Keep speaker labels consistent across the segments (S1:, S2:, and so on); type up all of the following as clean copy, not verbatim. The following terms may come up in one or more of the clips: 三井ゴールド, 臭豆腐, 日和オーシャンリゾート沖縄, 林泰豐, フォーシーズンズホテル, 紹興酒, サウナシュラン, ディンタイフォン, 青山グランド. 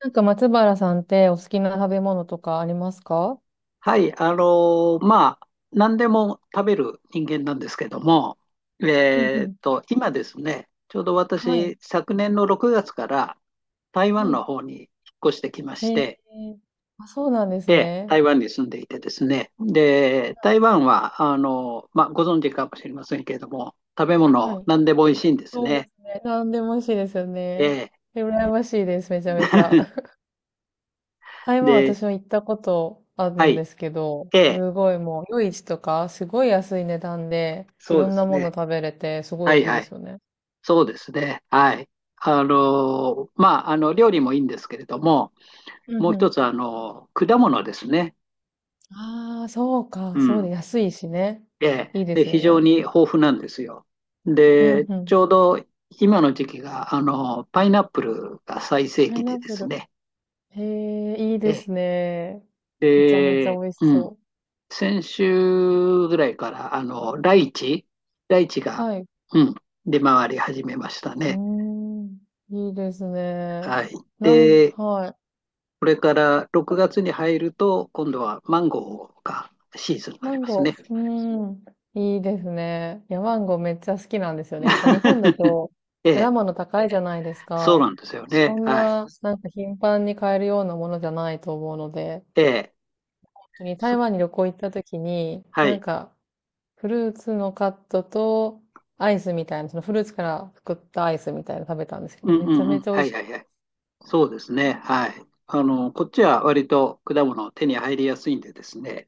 S1: なんか松原さんってお好きな食べ物とかありますか？
S2: はい、何でも食べる人間なんですけども、
S1: うんうん。
S2: 今ですね、ちょうど
S1: はい。
S2: 私、昨年の6月から台
S1: は
S2: 湾
S1: い。
S2: の方に引っ越してきまし
S1: へえ。
S2: て、
S1: あ、そうなんです
S2: で、
S1: ね。
S2: 台湾に住んでいてですね、で、台湾は、ご存知かもしれませんけれども、食べ
S1: うん。
S2: 物、
S1: はい。
S2: 何でも美味しいんです
S1: そうで
S2: ね。
S1: すね。なんでも美味しいですよ
S2: え
S1: ね。
S2: え。
S1: 羨ましいです。めちゃめちゃ。台湾
S2: で、
S1: 私も行ったことある
S2: は
S1: ん
S2: い、
S1: ですけど、
S2: ええ、
S1: すごいもう、夜市とか、すごい安い値段で、い
S2: そう
S1: ろ
S2: で
S1: んな
S2: す
S1: もの
S2: ね。
S1: 食べれて、すご
S2: は
S1: い
S2: い
S1: いいで
S2: はい。
S1: すよね。
S2: そうですね。はい。料理もいいんですけれども、
S1: う
S2: も
S1: ん
S2: う
S1: う
S2: 一
S1: ん。
S2: つ、果物ですね。
S1: ああ、そう
S2: う
S1: か。そう
S2: ん。
S1: で、安いしね。
S2: ええ。
S1: いいで
S2: で、
S1: すよ
S2: 非常
S1: ね。
S2: に豊富なんですよ。
S1: うん
S2: で、
S1: う
S2: ち
S1: ん。
S2: ょうど今の時期が、パイナップルが最盛
S1: パイ
S2: 期
S1: ナ
S2: で
S1: ッ
S2: で
S1: プ
S2: す
S1: ル。
S2: ね。
S1: へえ、いい
S2: え
S1: で
S2: え。
S1: すね。めちゃめちゃ
S2: で、
S1: 美味し
S2: うん。
S1: そ
S2: 先週ぐらいから、ライチ、ライチ
S1: う。
S2: が、
S1: はい。う
S2: うん、出回り始めました
S1: ー
S2: ね。
S1: ん。いいですね。
S2: はい。で、
S1: はい。
S2: これから6月に入ると、今度はマンゴーがシーズンにな
S1: マ
S2: り
S1: ン
S2: ます
S1: ゴ
S2: ね。
S1: ー。うーん。いいですね。いや、マンゴーめっちゃ好きなんですよね。やっぱ日本だ と
S2: え
S1: 果
S2: え、
S1: 物高いじゃないです
S2: そう
S1: か。
S2: なんですよ
S1: そ
S2: ね。
S1: そん
S2: はい。
S1: な、なんか頻繁に買えるようなものじゃないと思うので、
S2: ええ、
S1: 本当に台
S2: そ、
S1: 湾に旅行行った時に、
S2: は
S1: なん
S2: い。
S1: かフルーツのカットと、アイスみたいな、そのフルーツから作ったアイスみたいなの食べたんですけ
S2: う
S1: ど、
S2: ん
S1: め
S2: う
S1: ちゃ
S2: んう
S1: め
S2: ん。
S1: ちゃ美
S2: は
S1: 味し
S2: いは
S1: か
S2: いは
S1: っ
S2: い。そうですね。はい。こっちは割と果物手に入りやすいんでですね、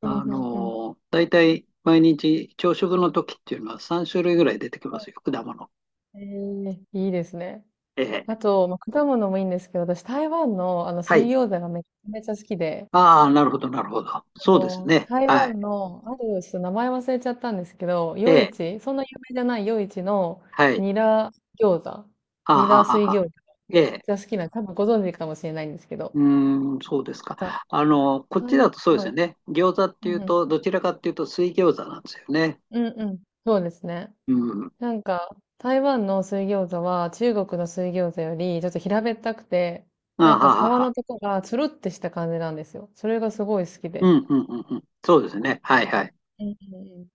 S1: た。うん、うん、うん。
S2: 大体毎日朝食の時っていうのは3種類ぐらい出てき
S1: は
S2: ま
S1: い。
S2: すよ、果物。
S1: ええ、いいですね。
S2: え
S1: あ
S2: え。
S1: と、まあ、果物もいいんですけど、私台湾の、
S2: は
S1: 水
S2: い。
S1: 餃子がめちゃめちゃ好きで、
S2: ああ、なるほど、なるほど。そうですね。
S1: 台
S2: はい。
S1: 湾の、ちょっと名前忘れちゃったんですけど、
S2: え
S1: 夜
S2: え。
S1: 市、そんな有名じゃない夜市の
S2: はい。
S1: ニラ餃子、
S2: はあ
S1: ニ
S2: はあ
S1: ラ
S2: はあ
S1: 水
S2: はあ。
S1: 餃子が
S2: え
S1: めっ
S2: え。
S1: ちゃ好きな、多分ご存知かもしれないんですけ
S2: う
S1: ど、
S2: ーん、そうです
S1: なんか、
S2: か。こっちだ
S1: 台
S2: とそうで
S1: 湾は
S2: すよ
S1: い、
S2: ね。餃子っ
S1: う
S2: ていう
S1: んうん。
S2: と、どちらかっていうと水餃子なんですよね。
S1: うんうん。そうですね。
S2: うん。
S1: なんか、台湾の水餃子は中国の水餃子よりちょっと平べったくて、
S2: あ
S1: な
S2: は
S1: んか皮
S2: は
S1: の
S2: は。
S1: とこがつるってした感じなんですよ。それがすごい好き
S2: う
S1: で。
S2: ん、うん、うん、うん。そうですね。はい、はい。
S1: うんうん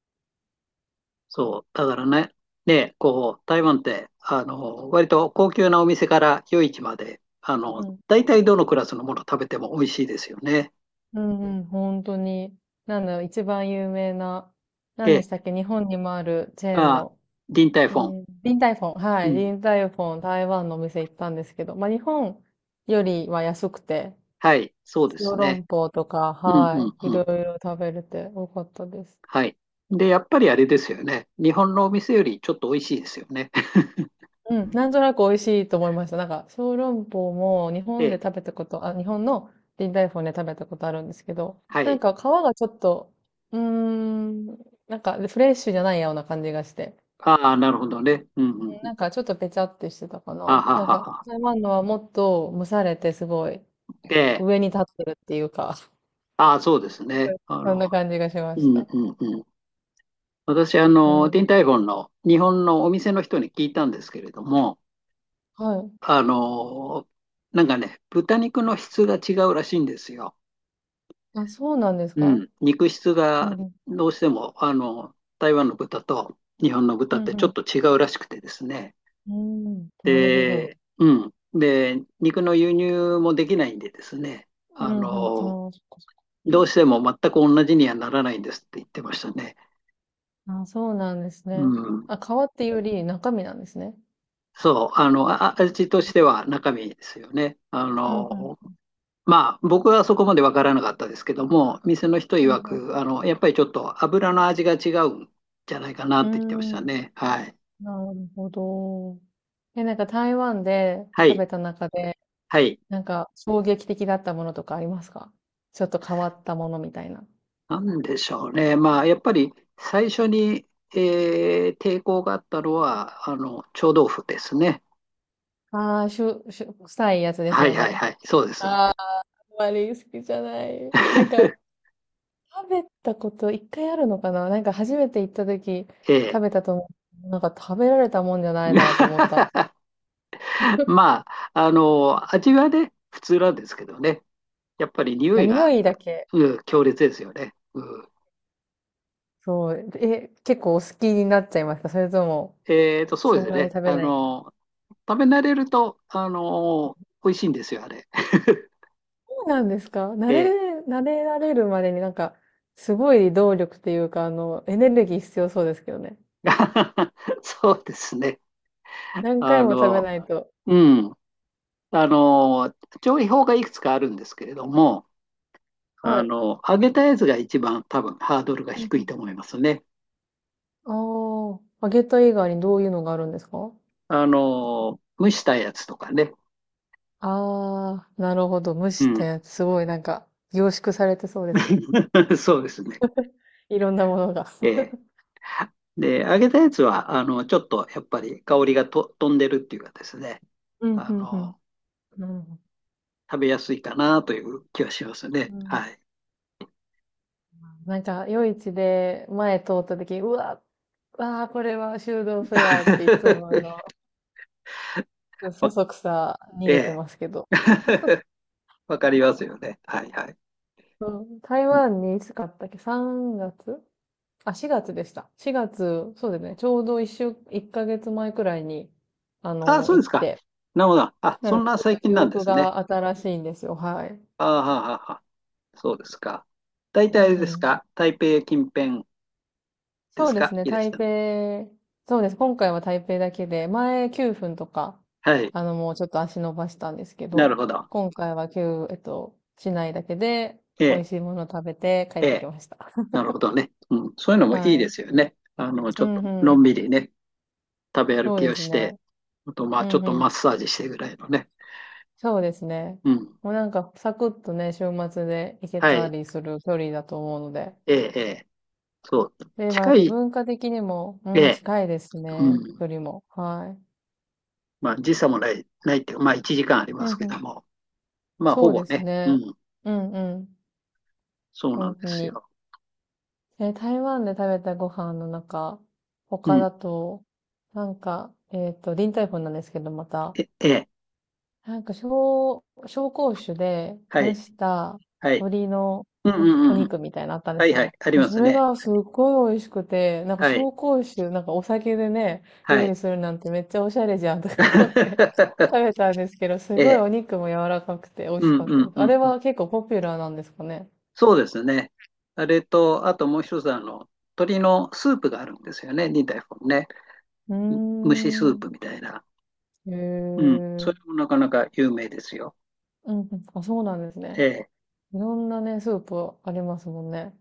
S2: そう。だからね、台湾って、割と高級なお店から夜市まで、
S1: うん。
S2: 大体どのクラスのもの食べても美味しいですよね。
S1: うんうん、本当に。なんだろう、一番有名な、何で
S2: で、
S1: したっけ、日本にもあるチェーン
S2: まあ、
S1: の、
S2: ディンタイフォン。
S1: リンタイフォン。は
S2: う
S1: い、
S2: ん。
S1: リンタイフォン、台湾のお店行ったんですけど、まあ日本よりは安くて、
S2: はい。そうで
S1: 小
S2: すね。
S1: 籠包とか、
S2: うん、う
S1: は
S2: ん、
S1: い、い
S2: う
S1: ろ
S2: ん。
S1: いろ食べれてよかったです。
S2: はい。で、やっぱりあれですよね。日本のお店よりちょっと美味しいですよね。
S1: うん、なんとなく美味しいと思いました。なんか、小籠包も日
S2: え
S1: 本で
S2: え、
S1: 食べたこと、あ、日本の臨海フォンで食べたことあるんですけど、
S2: は
S1: なん
S2: い。
S1: か皮がちょっと、うーん、なんかフレッシュじゃないような感じがして、
S2: ああ、なるほどね。うんう
S1: う
S2: ん
S1: ん、
S2: う
S1: な
S2: ん。
S1: んかちょっとぺちゃってしてたか
S2: あ
S1: な。
S2: は
S1: なん
S2: は
S1: か、
S2: は。
S1: 台湾のはもっと蒸されてすごい
S2: ええ、
S1: 上に立ってるっていうか、
S2: ああ、そうです ね。
S1: そんな感じがしま
S2: う
S1: し
S2: ん
S1: た。
S2: うんうん。私、
S1: う
S2: ディン
S1: ん。
S2: タイフォンの日本のお店の人に聞いたんですけれども、
S1: はい。
S2: あの、なんかね、豚肉の質が違うらしいんですよ。
S1: あ、そうなんです
S2: う
S1: か？
S2: ん。肉質
S1: う
S2: が
S1: んうん。
S2: どうしても、台湾の豚と日本の
S1: う
S2: 豚っ
S1: ん
S2: て
S1: う
S2: ちょっ
S1: ん。
S2: と違うらしくてですね。
S1: うん。なるほど。
S2: で、うん。で、肉の輸入もできないんでですね。
S1: う
S2: あ
S1: んうん。
S2: の、
S1: ああ、そっかそっか、
S2: どうしても全く同じにはならないんですって言ってましたね。
S1: あ、そうなんです
S2: う
S1: ね。
S2: ん。
S1: あ、皮っていうより中身なんですね。
S2: そう、味としては中身ですよね。
S1: うんうん。
S2: 僕はそこまでわからなかったですけども、店の人
S1: う
S2: 曰
S1: ん
S2: く、やっぱりちょっと油の味が違うんじゃないかなっ
S1: う
S2: て言ってまし
S1: ん。うー
S2: た
S1: ん。
S2: ね。はい。
S1: なるほど。え、なんか台湾で
S2: は
S1: 食
S2: い。
S1: べた中で、
S2: はい。
S1: なんか衝撃的だったものとかありますか？ちょっと変わったものみたいな。
S2: なんでしょうね。まあ、やっぱり最初に、抵抗があったのは、臭豆腐ですね。
S1: ああ、しゅ、しゅ、臭いやつです
S2: は
S1: よ
S2: いはい
S1: ね。
S2: はい。そうです。
S1: ああ、あんまり好きじゃない。なんか、食べたこと一回あるのかな、なんか初めて行った時
S2: え
S1: 食
S2: え。
S1: べたと思う。なんか食べられたもんじゃないなと思ったの。
S2: 味はね、普通なんですけどね。やっぱり匂
S1: あ、
S2: い
S1: 匂
S2: が、
S1: いだけ。
S2: うん、強烈ですよね。うん、
S1: そう。え、結構お好きになっちゃいました。それとも、
S2: そう
S1: そん
S2: です
S1: なに
S2: ね。
S1: 食べないけど。
S2: 食べ慣れると、美味しいんですよ、あれ。
S1: そうなんですか？
S2: ええ。
S1: 慣れられるまでになんか、すごい動力っていうか、エネルギー必要そうですけどね。
S2: そうですね。
S1: 何回
S2: あ
S1: も食べ
S2: の、
S1: ないと。
S2: うん。あの、調理法がいくつかあるんですけれども、
S1: はい。
S2: 揚げたやつが一番多分ハードルが
S1: う
S2: 低い
S1: ん
S2: と思いますね。
S1: うん、ああ、揚げた以外にどういうのがあるんですか？
S2: 蒸したやつとかね。
S1: ああー、なるほど。蒸
S2: う
S1: した
S2: ん。
S1: やつ、すごいなんか、凝縮されてそうですね。
S2: そうですね。
S1: いろんなものが。
S2: ええ。で、揚げたやつは、ちょっとやっぱり香りがと飛んでるっていうかですね、
S1: うん、
S2: あ
S1: うん、うん。
S2: の、
S1: なるほど。
S2: 食べやすいかなという気はします
S1: う
S2: ね。
S1: ん、
S2: はい。
S1: なんか、夜市で前通った時、うわ、ああ、これは修道士だっていつもそ
S2: わ、
S1: そくさ逃
S2: え
S1: げて
S2: え。
S1: ますけど。
S2: わかりますよね。はいはい。
S1: うん、台
S2: うん、
S1: 湾にいつ買ったっけ？ 3 月、あ、4月でした。4月、そうですね。ちょうど一ヶ月前くらいに、
S2: あ、そう
S1: 行
S2: で
S1: っ
S2: すか。
S1: て。
S2: なるほど。あ、
S1: な
S2: そ
S1: の
S2: ん
S1: で、
S2: な
S1: ちょっと
S2: 最近
S1: 記
S2: なんで
S1: 憶
S2: すね。
S1: が新しいんですよ。はい。
S2: ああ、はあはあはあ、そうですか。大体
S1: う
S2: あれ
S1: んう
S2: です
S1: ん。
S2: か。台北近辺で
S1: そ
S2: す
S1: うで
S2: か。
S1: すね、
S2: いらし
S1: 台
S2: たの。
S1: 北、そうです。今回は台北だけで、前9分とか、
S2: はい。
S1: もうちょっと足伸ばしたんですけ
S2: なる
S1: ど、
S2: ほど。
S1: 今回は9、市内だけで
S2: え
S1: 美
S2: え、
S1: 味しいものを食べて帰っ
S2: え
S1: てき
S2: え。
S1: ました。
S2: なるほどね。うん。そういうのもいい
S1: は
S2: で
S1: い。
S2: すよね。ち
S1: う
S2: ょっと
S1: んう
S2: の
S1: ん。
S2: んびりね、食べ歩
S1: そう
S2: き
S1: で
S2: を
S1: す
S2: し
S1: ね。
S2: て、あと、まあ、
S1: う
S2: ちょっ
S1: んう
S2: とマッ
S1: ん。
S2: サージしてぐらいのね。
S1: そうですね。
S2: うん。
S1: もうなんかサクッとね、週末で行け
S2: は
S1: た
S2: い。
S1: りする距離だと思うので。
S2: ええ、ええ。そう。
S1: で、まあや
S2: 近
S1: っぱ
S2: い、
S1: 文化的にも、う
S2: え
S1: ん、
S2: え、
S1: 近いです
S2: う
S1: ね。
S2: ん。
S1: 距離も。は
S2: まあ、時差もない、ないっていうか、まあ、1時間あり
S1: い。う
S2: ます
S1: ん
S2: け
S1: う
S2: ど
S1: ん。
S2: も、まあ、ほ
S1: そう
S2: ぼ
S1: です
S2: ね。う
S1: ね。
S2: ん。
S1: うんうん。
S2: そうなん
S1: 本
S2: で
S1: 当
S2: す
S1: に。
S2: よ。
S1: え、台湾で食べたご飯の中、
S2: う
S1: 他
S2: ん。
S1: だと、なんか、リンタイフォ粉なんですけど、また、
S2: え、ええ、
S1: なんか、紹興酒で
S2: は
S1: 蒸
S2: い、
S1: した
S2: はい。
S1: 鶏の
S2: うんうん
S1: お
S2: うんうん。
S1: 肉みたいなのあったんで
S2: は
S1: す
S2: いは
S1: よ。
S2: い。あり
S1: もう
S2: ま
S1: そ
S2: す
S1: れ
S2: ね。
S1: がすっごい美味しくて、なんか
S2: はい、
S1: 紹興酒、なんかお酒でね、
S2: は
S1: 料
S2: い。
S1: 理するなんてめっちゃおしゃれじゃんとか思って 食べたんですけど、す
S2: え
S1: ごい
S2: え、
S1: お肉も柔らかくて美味
S2: う
S1: し
S2: ん
S1: かっ
S2: う
S1: たで
S2: ん
S1: す。あれ
S2: うん。
S1: は結構ポピュラーなんですかね。
S2: そうですね。あれと、あともう一つ、鶏のスープがあるんですよね、2台本ね。
S1: うー
S2: 蒸しスープ
S1: ん。
S2: みたいな。
S1: へ
S2: うん。そ
S1: え。
S2: れもなかなか有名ですよ。
S1: うんうん。あ、そうなんです
S2: え
S1: ね。
S2: え。
S1: いろんなね、スープありますもんね。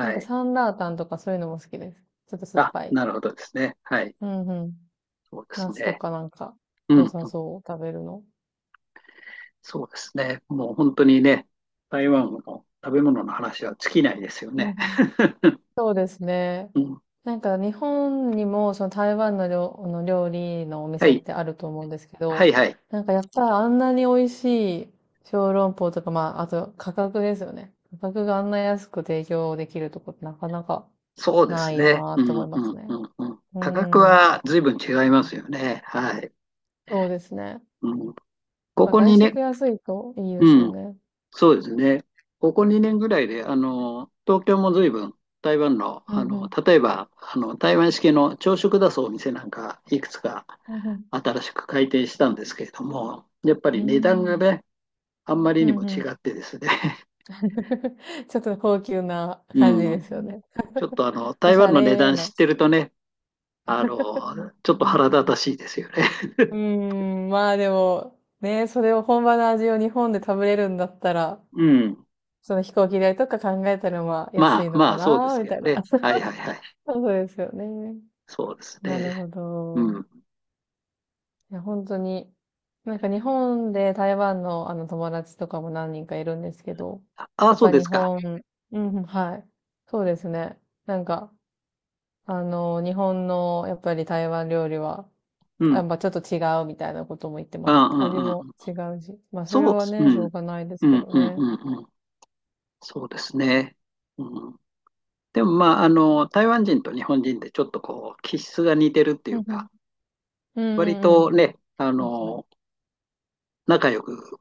S1: なんか
S2: い。
S1: サンラータンとかそういうのも好きです。ちょっと酸っ
S2: あ、
S1: ぱい。
S2: なるほどですね。はい。
S1: うんうん。
S2: そうです
S1: 夏と
S2: ね。
S1: かなんか
S2: う
S1: 良
S2: ん。
S1: さそう、食べるの。
S2: そうですね。もう本当にね、台湾の食べ物の話は尽きないですよ
S1: うんう
S2: ね。
S1: ん。そうですね。
S2: うん。
S1: なんか日本にもその台湾のあの料理のお
S2: は
S1: 店っ
S2: い。
S1: てあると思うんですけ
S2: は
S1: ど、
S2: いはい。
S1: なんかやっぱりあんなに美味しい小籠包とか、まあ、あと価格ですよね。価格があんな安く提供できるとこってなかなか
S2: そうで
S1: な
S2: す
S1: いよ
S2: ね。
S1: なって
S2: う
S1: 思い
S2: ん
S1: ま
S2: う
S1: す
S2: んう
S1: ね。
S2: んうん。
S1: う
S2: 価格
S1: ーん、
S2: は随分違いますよね。はい。
S1: そうですね。
S2: うん、こ
S1: まあ、
S2: こ
S1: 外
S2: に
S1: 食
S2: ね、
S1: 安いといい
S2: う
S1: ですよ
S2: ん。
S1: ね。
S2: そうですね。ここ2年ぐらいで、東京も随分台湾の、
S1: うんうん、
S2: 例えば、台湾式の朝食出すお店なんか、いくつか
S1: うんうん、
S2: 新しく開店したんですけれども、やっぱ
S1: うー
S2: り値段が
S1: ん、
S2: ね、あんまり
S1: う
S2: にも
S1: んう
S2: 違
S1: ん。
S2: ってですね、
S1: ちょっと高級な
S2: う
S1: 感じですよ
S2: ん。
S1: ね。
S2: ちょっとあの、
S1: お
S2: 台
S1: し
S2: 湾
S1: ゃ
S2: の値
S1: れ
S2: 段
S1: な。
S2: 知ってるとね、ちょっと腹立たしいですよね。
S1: うーん、まあでも、ね、それを本場の味を日本で食べれるんだったら、
S2: うん。
S1: その飛行機代とか考えたらまあ安い
S2: まあ
S1: の
S2: ま
S1: か
S2: あ、そうで
S1: な、
S2: す
S1: み
S2: けど
S1: たいな。
S2: ね。はい はいはい。
S1: そうですよね。
S2: そうです
S1: な
S2: ね。
S1: るほ
S2: う
S1: ど。
S2: ん。
S1: いや、本当に。なんか日本で台湾のあの友達とかも何人かいるんですけど、
S2: ああ、
S1: やっ
S2: そう
S1: ぱ
S2: で
S1: 日
S2: すか。
S1: 本、うんうん、はい。そうですね。なんか、日本のやっぱり台湾料理は、
S2: う
S1: や
S2: ん。
S1: っぱちょっと違うみたいなことも言って
S2: う
S1: ま
S2: ん
S1: した。
S2: う
S1: 味
S2: んう
S1: も
S2: ん。
S1: 違うし。まあそれ
S2: そう、
S1: は
S2: う
S1: ね、しょう
S2: ん、
S1: がないです
S2: う
S1: け
S2: ん、
S1: ど
S2: うん、
S1: ね。
S2: うん、うん。そうですね。うん。でも、台湾人と日本人でちょっとこう、気質が似てるってい
S1: う
S2: う
S1: んうん。
S2: か、
S1: うん
S2: 割
S1: うんう
S2: と
S1: ん。
S2: ね、
S1: 確かに。
S2: 仲良く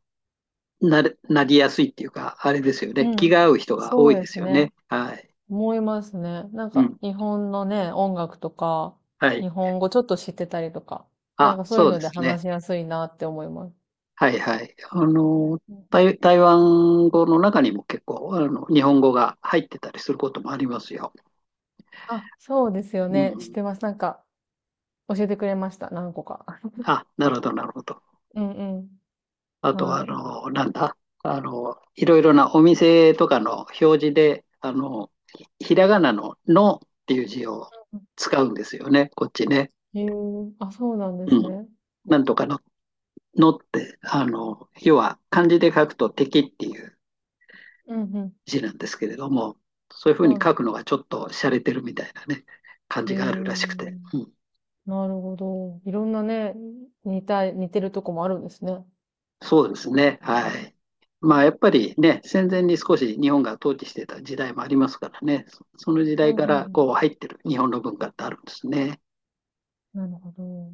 S2: なれ、なりやすいっていうか、あれですよ
S1: う
S2: ね。気
S1: ん。
S2: が合う人が多
S1: そう
S2: い
S1: で
S2: で
S1: す
S2: すよ
S1: ね。
S2: ね。はい。
S1: 思いますね。なん
S2: う
S1: か、
S2: ん。
S1: 日本のね、音楽とか、
S2: はい。
S1: 日本語ちょっと知ってたりとか、なん
S2: あ、
S1: かそういう
S2: そう
S1: の
S2: で
S1: で
S2: すね。
S1: 話しやすいなって思います。
S2: はいはい。
S1: うん、
S2: 台湾語の中にも結構、日本語が入ってたりすることもありますよ。
S1: あ、そうですよ
S2: う
S1: ね。知っ
S2: ん。
S1: てます。なんか、教えてくれました。何個か。
S2: あ、なるほど、なるほど。
S1: うんうん。
S2: あとは、あ
S1: は
S2: の、なんだ、あの、いろいろなお店とかの表示で、ひらがなののっていう字を使うんですよね、こっちね。
S1: い。へえ、あ、そうなんで
S2: う
S1: す
S2: ん。
S1: ね。
S2: なんとかの、のって、要は漢字で書くと敵っていう
S1: うんうん。
S2: 字なんですけれども、そういうふうに
S1: は
S2: 書くのがちょっと洒落てるみたいなね、感
S1: い。
S2: じ
S1: へ
S2: があるらしくて。
S1: え、
S2: うん、
S1: なるほど。いろんなね、似てるとこもあるんですね。
S2: そうですね。はい。まあ、やっぱりね、戦前に少し日本が統治してた時代もありますからね、その時
S1: う
S2: 代
S1: ん
S2: か
S1: う
S2: ら
S1: ん
S2: こう入ってる日本の文化ってあるんですね。
S1: うん。なるほど。